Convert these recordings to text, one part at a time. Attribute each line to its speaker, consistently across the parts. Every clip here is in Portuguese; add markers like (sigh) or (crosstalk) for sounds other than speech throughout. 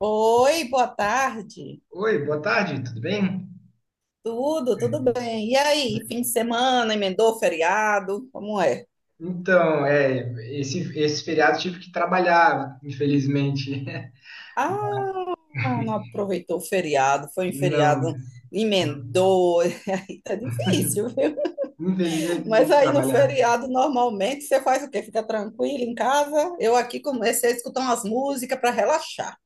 Speaker 1: Oi, boa tarde.
Speaker 2: Oi, boa tarde, tudo bem?
Speaker 1: Tudo bem. E aí, fim de semana, emendou o feriado? Como é?
Speaker 2: Então, é, esse feriado tive que trabalhar, infelizmente.
Speaker 1: Ah, não
Speaker 2: (laughs)
Speaker 1: aproveitou o feriado, foi em
Speaker 2: Não,
Speaker 1: feriado,
Speaker 2: não.
Speaker 1: emendou. (laughs) Aí tá difícil, viu?
Speaker 2: Infelizmente
Speaker 1: Mas
Speaker 2: tive que
Speaker 1: aí no
Speaker 2: trabalhar.
Speaker 1: feriado, normalmente, você faz o quê? Fica tranquilo em casa? Eu aqui comecei a escutar umas músicas para relaxar.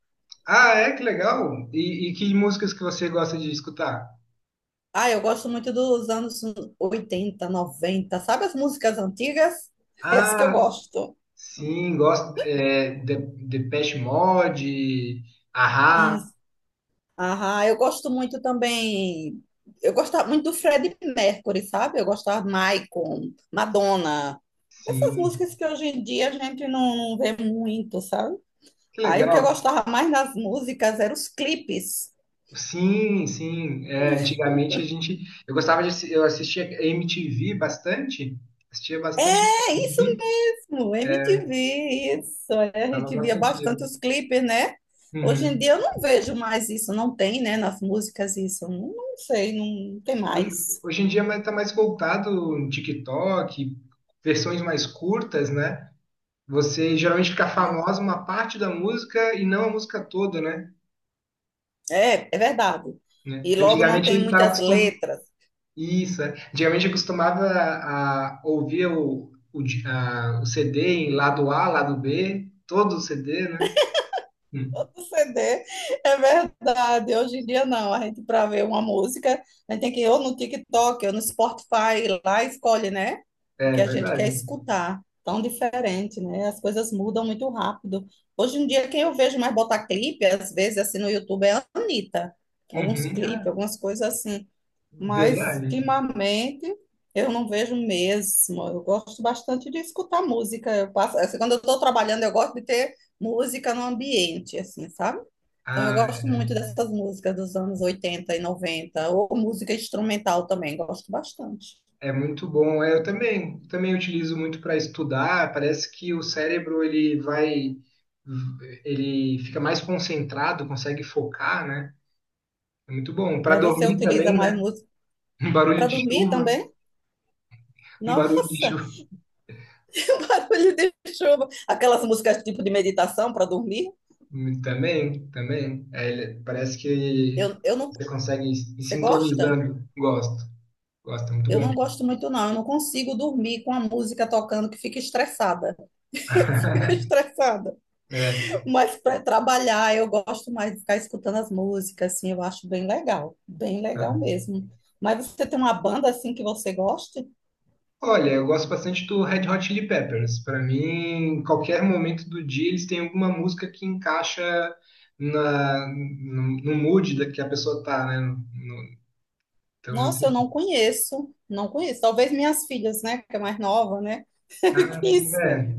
Speaker 2: Ah, é, que legal. E que músicas que você gosta de escutar?
Speaker 1: Ah, eu gosto muito dos anos 80, 90. Sabe as músicas antigas? (laughs) Essas que eu
Speaker 2: Ah,
Speaker 1: gosto.
Speaker 2: sim, gosto. Depeche Mode, ahá,
Speaker 1: Ah, eu gosto muito também. Eu gostava muito do Freddie Mercury, sabe? Eu gostava de Michael, Madonna. Essas
Speaker 2: sim.
Speaker 1: músicas que hoje em dia a gente não vê muito, sabe?
Speaker 2: Que
Speaker 1: Aí o que eu
Speaker 2: legal.
Speaker 1: gostava mais nas músicas eram os clipes.
Speaker 2: Sim, sim. Antigamente a gente. Eu assistia MTV bastante. Assistia bastante
Speaker 1: É isso
Speaker 2: MTV.
Speaker 1: mesmo, MTV,
Speaker 2: É,
Speaker 1: isso. é, A
Speaker 2: dava
Speaker 1: gente via
Speaker 2: bastante
Speaker 1: bastante
Speaker 2: dinheiro.
Speaker 1: os clipes, né? Hoje em
Speaker 2: Uhum.
Speaker 1: dia eu não vejo mais isso, não tem, né? Nas músicas isso. Não sei, não tem
Speaker 2: Hoje,
Speaker 1: mais.
Speaker 2: hoje em dia tá mais voltado no TikTok, versões mais curtas, né? Você geralmente fica famosa uma parte da música e não a música toda, né?
Speaker 1: É, é verdade.
Speaker 2: Né?
Speaker 1: E logo não
Speaker 2: Antigamente
Speaker 1: tem
Speaker 2: ele estava...
Speaker 1: muitas letras.
Speaker 2: Isso, é. Antigamente eu costumava a ouvir o CD em lado A, lado B, todo o CD, né? Hum.
Speaker 1: Todo CD, é verdade. Hoje em dia não, a gente para ver uma música, a gente tem que ir ou no TikTok, ou no Spotify, lá escolhe, né?
Speaker 2: É
Speaker 1: O que a gente quer
Speaker 2: verdade.
Speaker 1: escutar. Tão diferente, né? As coisas mudam muito rápido. Hoje em dia, quem eu vejo mais botar clipe, às vezes, assim, no YouTube, é a Anitta. Alguns
Speaker 2: Uhum,
Speaker 1: clipes,
Speaker 2: ah,
Speaker 1: algumas coisas assim. Mas,
Speaker 2: verdade.
Speaker 1: ultimamente, eu não vejo mesmo. Eu gosto bastante de escutar música. Eu passo, assim, quando eu estou trabalhando, eu gosto de ter música no ambiente, assim, sabe? Então, eu
Speaker 2: Ah,
Speaker 1: gosto muito dessas músicas dos anos 80 e noventa, ou música instrumental também, gosto bastante.
Speaker 2: é é muito bom. Eu também, também utilizo muito para estudar. Parece que o cérebro ele fica mais concentrado, consegue focar, né? É muito bom. Para
Speaker 1: Mas você
Speaker 2: dormir
Speaker 1: utiliza
Speaker 2: também,
Speaker 1: mais
Speaker 2: né?
Speaker 1: música
Speaker 2: Um barulho
Speaker 1: para
Speaker 2: de
Speaker 1: dormir
Speaker 2: chuva,
Speaker 1: também?
Speaker 2: um barulho de...
Speaker 1: Nossa, (laughs) que barulho de chuva! Aquelas músicas tipo de meditação para dormir?
Speaker 2: hum, também, também. Parece que
Speaker 1: Eu não.
Speaker 2: você consegue ir se
Speaker 1: Você gosta?
Speaker 2: sintonizando. Gosto, gosto, é muito
Speaker 1: Eu
Speaker 2: bom.
Speaker 1: não gosto muito, não. Eu não consigo dormir com a música tocando, que fica estressada. (laughs) Fica
Speaker 2: (laughs)
Speaker 1: estressada.
Speaker 2: É.
Speaker 1: Mas para trabalhar, eu gosto mais de ficar escutando as músicas, assim, eu acho bem legal. Bem
Speaker 2: Ah.
Speaker 1: legal mesmo. Mas você tem uma banda assim que você goste?
Speaker 2: Olha, eu gosto bastante do Red Hot Chili Peppers. Para mim, em qualquer momento do dia, eles têm alguma música que encaixa na, no, no mood da que a pessoa tá, né? Isso
Speaker 1: Nossa, eu não
Speaker 2: é...
Speaker 1: conheço. Não conheço. Talvez minhas filhas, né? Que é mais nova, né? (laughs)
Speaker 2: Ah, sim,
Speaker 1: Conheça.
Speaker 2: é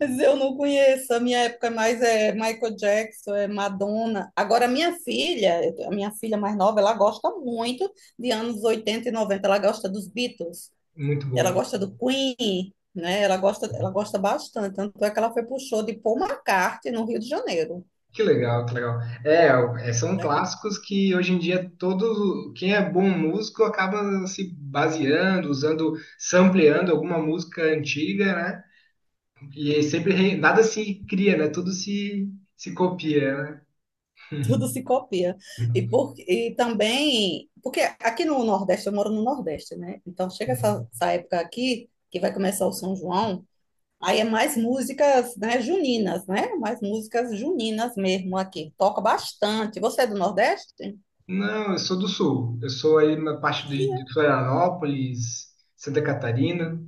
Speaker 1: Mas eu não conheço. A minha época é mais é Michael Jackson, é Madonna. Agora, a minha filha mais nova, ela gosta muito de anos 80 e noventa. Ela gosta dos Beatles,
Speaker 2: muito
Speaker 1: ela
Speaker 2: bom.
Speaker 1: gosta do Queen, né? Ela gosta bastante. Tanto é que ela foi pro show de Paul McCartney no Rio de Janeiro,
Speaker 2: Que legal, que legal. São
Speaker 1: né? (laughs)
Speaker 2: clássicos que hoje em dia todo quem é bom músico acaba se baseando, usando, sampleando alguma música antiga, né? E aí sempre nada se cria, né? Tudo se, se copia, né?
Speaker 1: Tudo se copia. E,
Speaker 2: (laughs)
Speaker 1: por, e também, porque aqui no Nordeste, eu moro no Nordeste, né? Então chega essa época aqui, que vai começar o São João. Aí é mais músicas, né, juninas, né? Mais músicas juninas mesmo aqui. Toca bastante. Você é do Nordeste?
Speaker 2: Não, eu sou do sul. Eu sou aí na parte de
Speaker 1: E-
Speaker 2: Florianópolis, Santa Catarina.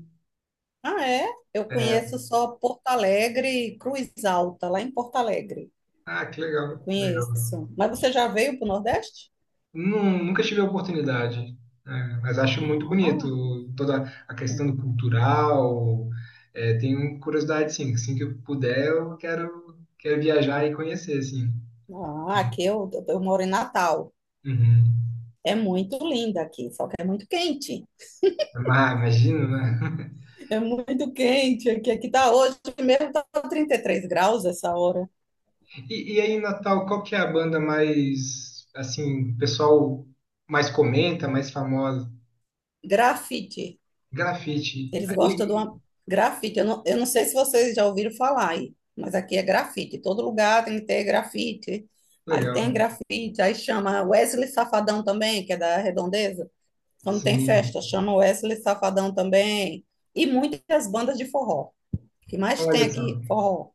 Speaker 1: Ah, é? Eu
Speaker 2: É.
Speaker 1: conheço só Porto Alegre e Cruz Alta, lá em Porto Alegre.
Speaker 2: Ah, que
Speaker 1: Eu
Speaker 2: legal, legal.
Speaker 1: conheço. Mas você já veio para o Nordeste?
Speaker 2: Nunca tive a oportunidade, né? Mas acho muito
Speaker 1: Ah,
Speaker 2: bonito toda a questão do cultural. É, tenho curiosidade, sim. Assim que eu puder, quero viajar e conhecer, assim.
Speaker 1: ah, aqui eu moro em Natal.
Speaker 2: Uhum.
Speaker 1: É muito linda aqui, só que
Speaker 2: Ah, imagino, né?
Speaker 1: é muito quente aqui. Aqui tá hoje mesmo, tá 33 graus essa hora.
Speaker 2: E aí, Natal, qual que é a banda mais, assim, o pessoal mais comenta, mais famosa?
Speaker 1: Grafite.
Speaker 2: Grafite.
Speaker 1: Eles gostam de
Speaker 2: Aí,
Speaker 1: uma grafite. Eu não sei se vocês já ouviram falar aí, mas aqui é grafite. Todo lugar tem que ter grafite. Aí tem
Speaker 2: legal.
Speaker 1: grafite, aí chama Wesley Safadão também, que é da Redondeza. Quando tem
Speaker 2: Sim.
Speaker 1: festa, chama Wesley Safadão também. E muitas bandas de forró. O que mais tem
Speaker 2: Olha só.
Speaker 1: aqui? Forró.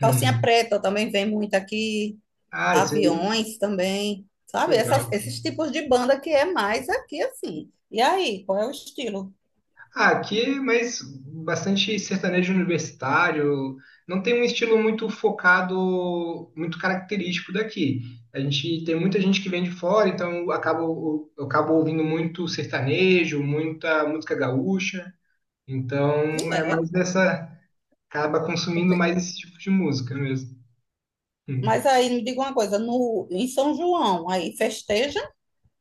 Speaker 1: Calcinha Preta também vem muito aqui.
Speaker 2: Ah, isso aí,
Speaker 1: Aviões também. Sabe?
Speaker 2: legal.
Speaker 1: Essas- esses tipos de banda que é mais aqui assim. E aí, qual é o estilo?
Speaker 2: Ah, aqui, mas bastante sertanejo universitário. Não tem um estilo muito focado, muito característico daqui. A gente tem muita gente que vem de fora, então eu acabo ouvindo muito sertanejo, muita música gaúcha.
Speaker 1: E
Speaker 2: Então é
Speaker 1: é.
Speaker 2: mais dessa, acaba consumindo mais esse tipo de música mesmo. Hum.
Speaker 1: Mas aí me diga uma coisa, no, em São João, aí festeja,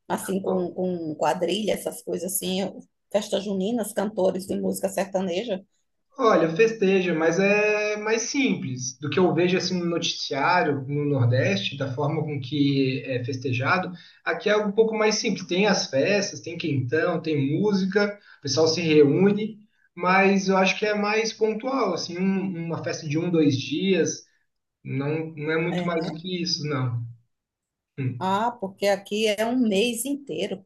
Speaker 1: assim, com quadrilha, essas coisas assim, festas juninas, cantores de música sertaneja,
Speaker 2: Olha, festeja, mas é mais simples do que eu vejo assim no noticiário no Nordeste, da forma com que é festejado. Aqui é um pouco mais simples. Tem as festas, tem quentão, tem música, o pessoal se reúne, mas eu acho que é mais pontual, assim, uma festa de um, dois dias, não, não é muito
Speaker 1: é,
Speaker 2: mais do
Speaker 1: né?
Speaker 2: que isso, não. Hum.
Speaker 1: Ah, porque aqui é um mês inteiro.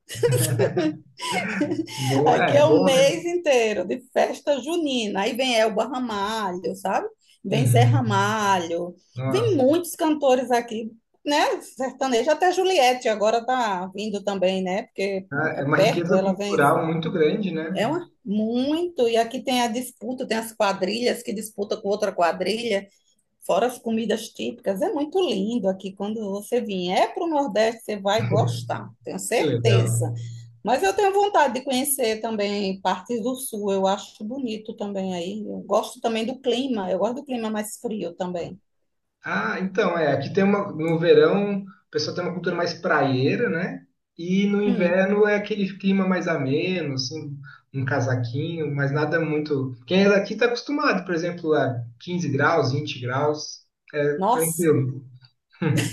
Speaker 1: (laughs)
Speaker 2: Bom,
Speaker 1: Aqui
Speaker 2: é, é
Speaker 1: é um
Speaker 2: bom, né?
Speaker 1: mês inteiro de festa junina. Aí vem Elba Ramalho, sabe? Vem Zé
Speaker 2: Uhum.
Speaker 1: Ramalho, vem
Speaker 2: Nossa,
Speaker 1: muitos cantores aqui, né? Sertanejo, até Juliette agora tá vindo também, né? Porque
Speaker 2: é
Speaker 1: é
Speaker 2: é uma
Speaker 1: perto,
Speaker 2: riqueza
Speaker 1: ela vem.
Speaker 2: cultural muito grande, né?
Speaker 1: É uma, muito. E aqui tem a disputa, tem as quadrilhas que disputam com outra quadrilha, fora as comidas típicas. É muito lindo aqui. Quando você vier para o Nordeste, você vai gostar, tenho
Speaker 2: Que legal.
Speaker 1: certeza. Mas eu tenho vontade de conhecer também partes do Sul. Eu acho bonito também aí. Eu gosto também do clima. Eu gosto do clima mais frio também.
Speaker 2: Ah, então, é, aqui tem uma, no verão, o pessoal tem uma cultura mais praieira, né? E no
Speaker 1: Hum,
Speaker 2: inverno é aquele clima mais ameno, assim, um casaquinho, mas nada muito. Quem é daqui está acostumado, por exemplo, a 15 graus, 20 graus, é
Speaker 1: nossa,
Speaker 2: tranquilo.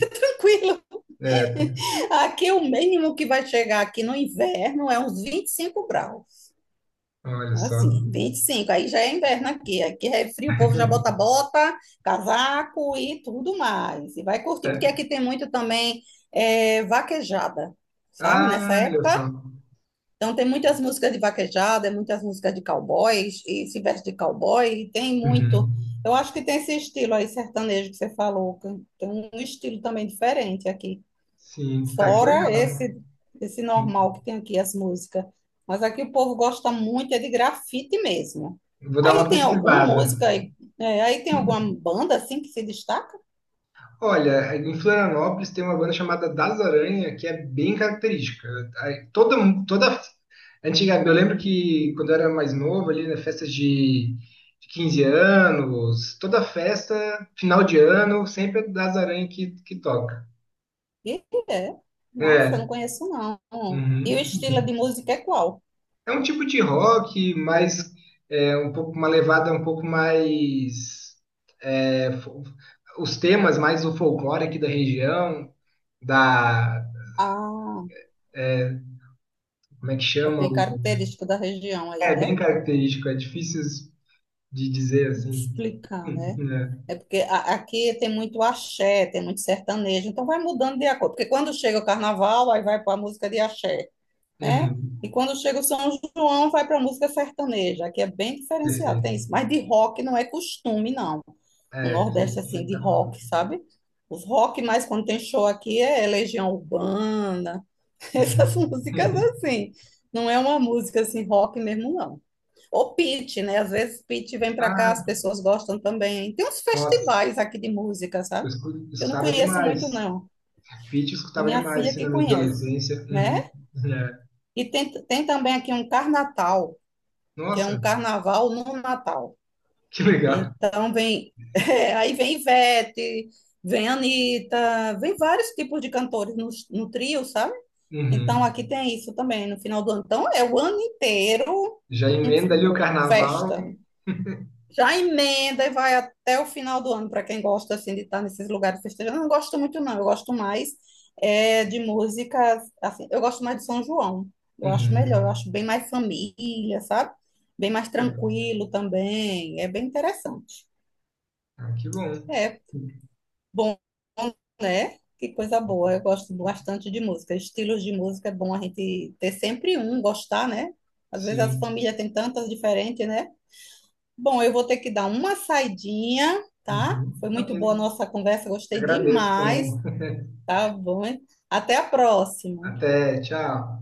Speaker 1: (laughs) tranquilo.
Speaker 2: É,
Speaker 1: Aqui o mínimo que vai chegar aqui no inverno é uns 25 graus.
Speaker 2: olha só.
Speaker 1: Assim, 25 aí já é inverno aqui. Aqui é frio, o povo já bota casaco e tudo mais. E vai curtir, porque
Speaker 2: É,
Speaker 1: aqui tem muito também é, vaquejada, sabe? Nessa
Speaker 2: ah, olha
Speaker 1: época.
Speaker 2: só.
Speaker 1: Então tem muitas músicas de vaquejada, muitas músicas de cowboys, e se veste de cowboy, e tem muito.
Speaker 2: Uhum.
Speaker 1: Eu acho que tem esse estilo aí, sertanejo que você falou. Que Tem um estilo também diferente aqui.
Speaker 2: Sim, ah, que
Speaker 1: Fora
Speaker 2: legal.
Speaker 1: esse normal que tem aqui as músicas. Mas aqui o povo gosta muito, é de grafite mesmo.
Speaker 2: Vou dar
Speaker 1: Aí
Speaker 2: uma
Speaker 1: tem alguma
Speaker 2: pesquisada.
Speaker 1: música, aí é, aí tem alguma banda assim que se destaca?
Speaker 2: Olha, em Florianópolis tem uma banda chamada Das Aranha, que é bem característica. Aí, Toda, toda antiga, eu lembro que quando eu era mais novo, ali de 15 anos, toda festa, final de ano, sempre é Das Aranha que toca.
Speaker 1: E é. Nossa, eu não
Speaker 2: É,
Speaker 1: conheço não. E
Speaker 2: uhum.
Speaker 1: o estilo de música é qual?
Speaker 2: É um tipo de rock, mas é um pouco uma levada um pouco mais é, fo- os temas mais do folclore aqui da região, da
Speaker 1: Ah,
Speaker 2: é, como é que
Speaker 1: é
Speaker 2: chama?
Speaker 1: bem característico da região aí,
Speaker 2: É bem
Speaker 1: né?
Speaker 2: característico, é difícil de dizer
Speaker 1: Vou
Speaker 2: assim. (laughs)
Speaker 1: explicar, né?
Speaker 2: Né?
Speaker 1: É porque a- aqui tem muito axé, tem muito sertanejo, então vai mudando de acordo. Porque quando chega o carnaval, aí vai para a música de axé, né? E
Speaker 2: Uhum,
Speaker 1: quando chega o São João, vai para música sertaneja, que é bem diferenciado, tem
Speaker 2: perfeito.
Speaker 1: isso. Mas de rock não é costume, não. No
Speaker 2: É, que a
Speaker 1: Nordeste,
Speaker 2: gente vai
Speaker 1: assim, de
Speaker 2: estar.
Speaker 1: rock, sabe? Os rock, mais quando tem show aqui, é Legião Urbana, (laughs) essas
Speaker 2: Uhum.
Speaker 1: músicas
Speaker 2: (laughs)
Speaker 1: assim. Não é uma música assim, rock mesmo, não. Ou Pit, né? Às vezes Pit vem para cá, as
Speaker 2: Ah,
Speaker 1: pessoas gostam também. Tem uns
Speaker 2: nossa,
Speaker 1: festivais aqui de música, sabe? Eu não
Speaker 2: escutava
Speaker 1: conheço muito,
Speaker 2: demais.
Speaker 1: não.
Speaker 2: Pitty eu
Speaker 1: É
Speaker 2: escutava
Speaker 1: minha
Speaker 2: demais,
Speaker 1: filha
Speaker 2: assim, na
Speaker 1: que
Speaker 2: minha
Speaker 1: conhece,
Speaker 2: adolescência. Uhum,
Speaker 1: né?
Speaker 2: né?
Speaker 1: E tem também aqui um Carnatal, que é um
Speaker 2: Nossa,
Speaker 1: carnaval no Natal.
Speaker 2: que legal.
Speaker 1: Então vem, (laughs) eh, aí vem Ivete, vem Anitta, vem vários tipos de cantores no trio, sabe? Então
Speaker 2: Uhum.
Speaker 1: aqui tem isso também no final do ano. Então é o ano inteiro
Speaker 2: Já emenda ali o
Speaker 1: um-
Speaker 2: carnaval.
Speaker 1: festa, já emenda e vai até o final do ano, para quem gosta assim de estar nesses lugares festejando. Eu não gosto muito, não. Eu gosto mais é, de músicas, assim, eu gosto mais de São João. Eu acho melhor, eu
Speaker 2: Uhum.
Speaker 1: acho bem mais família, sabe? Bem mais
Speaker 2: É,
Speaker 1: tranquilo também. É bem interessante.
Speaker 2: ah, que bom.
Speaker 1: É bom, né? Que coisa boa. Eu gosto bastante de música. Estilos de música é bom a gente ter sempre um, gostar, né? Às vezes as
Speaker 2: Sim.
Speaker 1: famílias têm tantas diferentes, né? Bom, eu vou ter que dar uma saidinha, tá?
Speaker 2: Uhum.
Speaker 1: Foi muito boa a
Speaker 2: Ok.
Speaker 1: nossa conversa, gostei
Speaker 2: Agradeço
Speaker 1: demais,
Speaker 2: também.
Speaker 1: tá bom? Até a próxima.
Speaker 2: Até, tchau.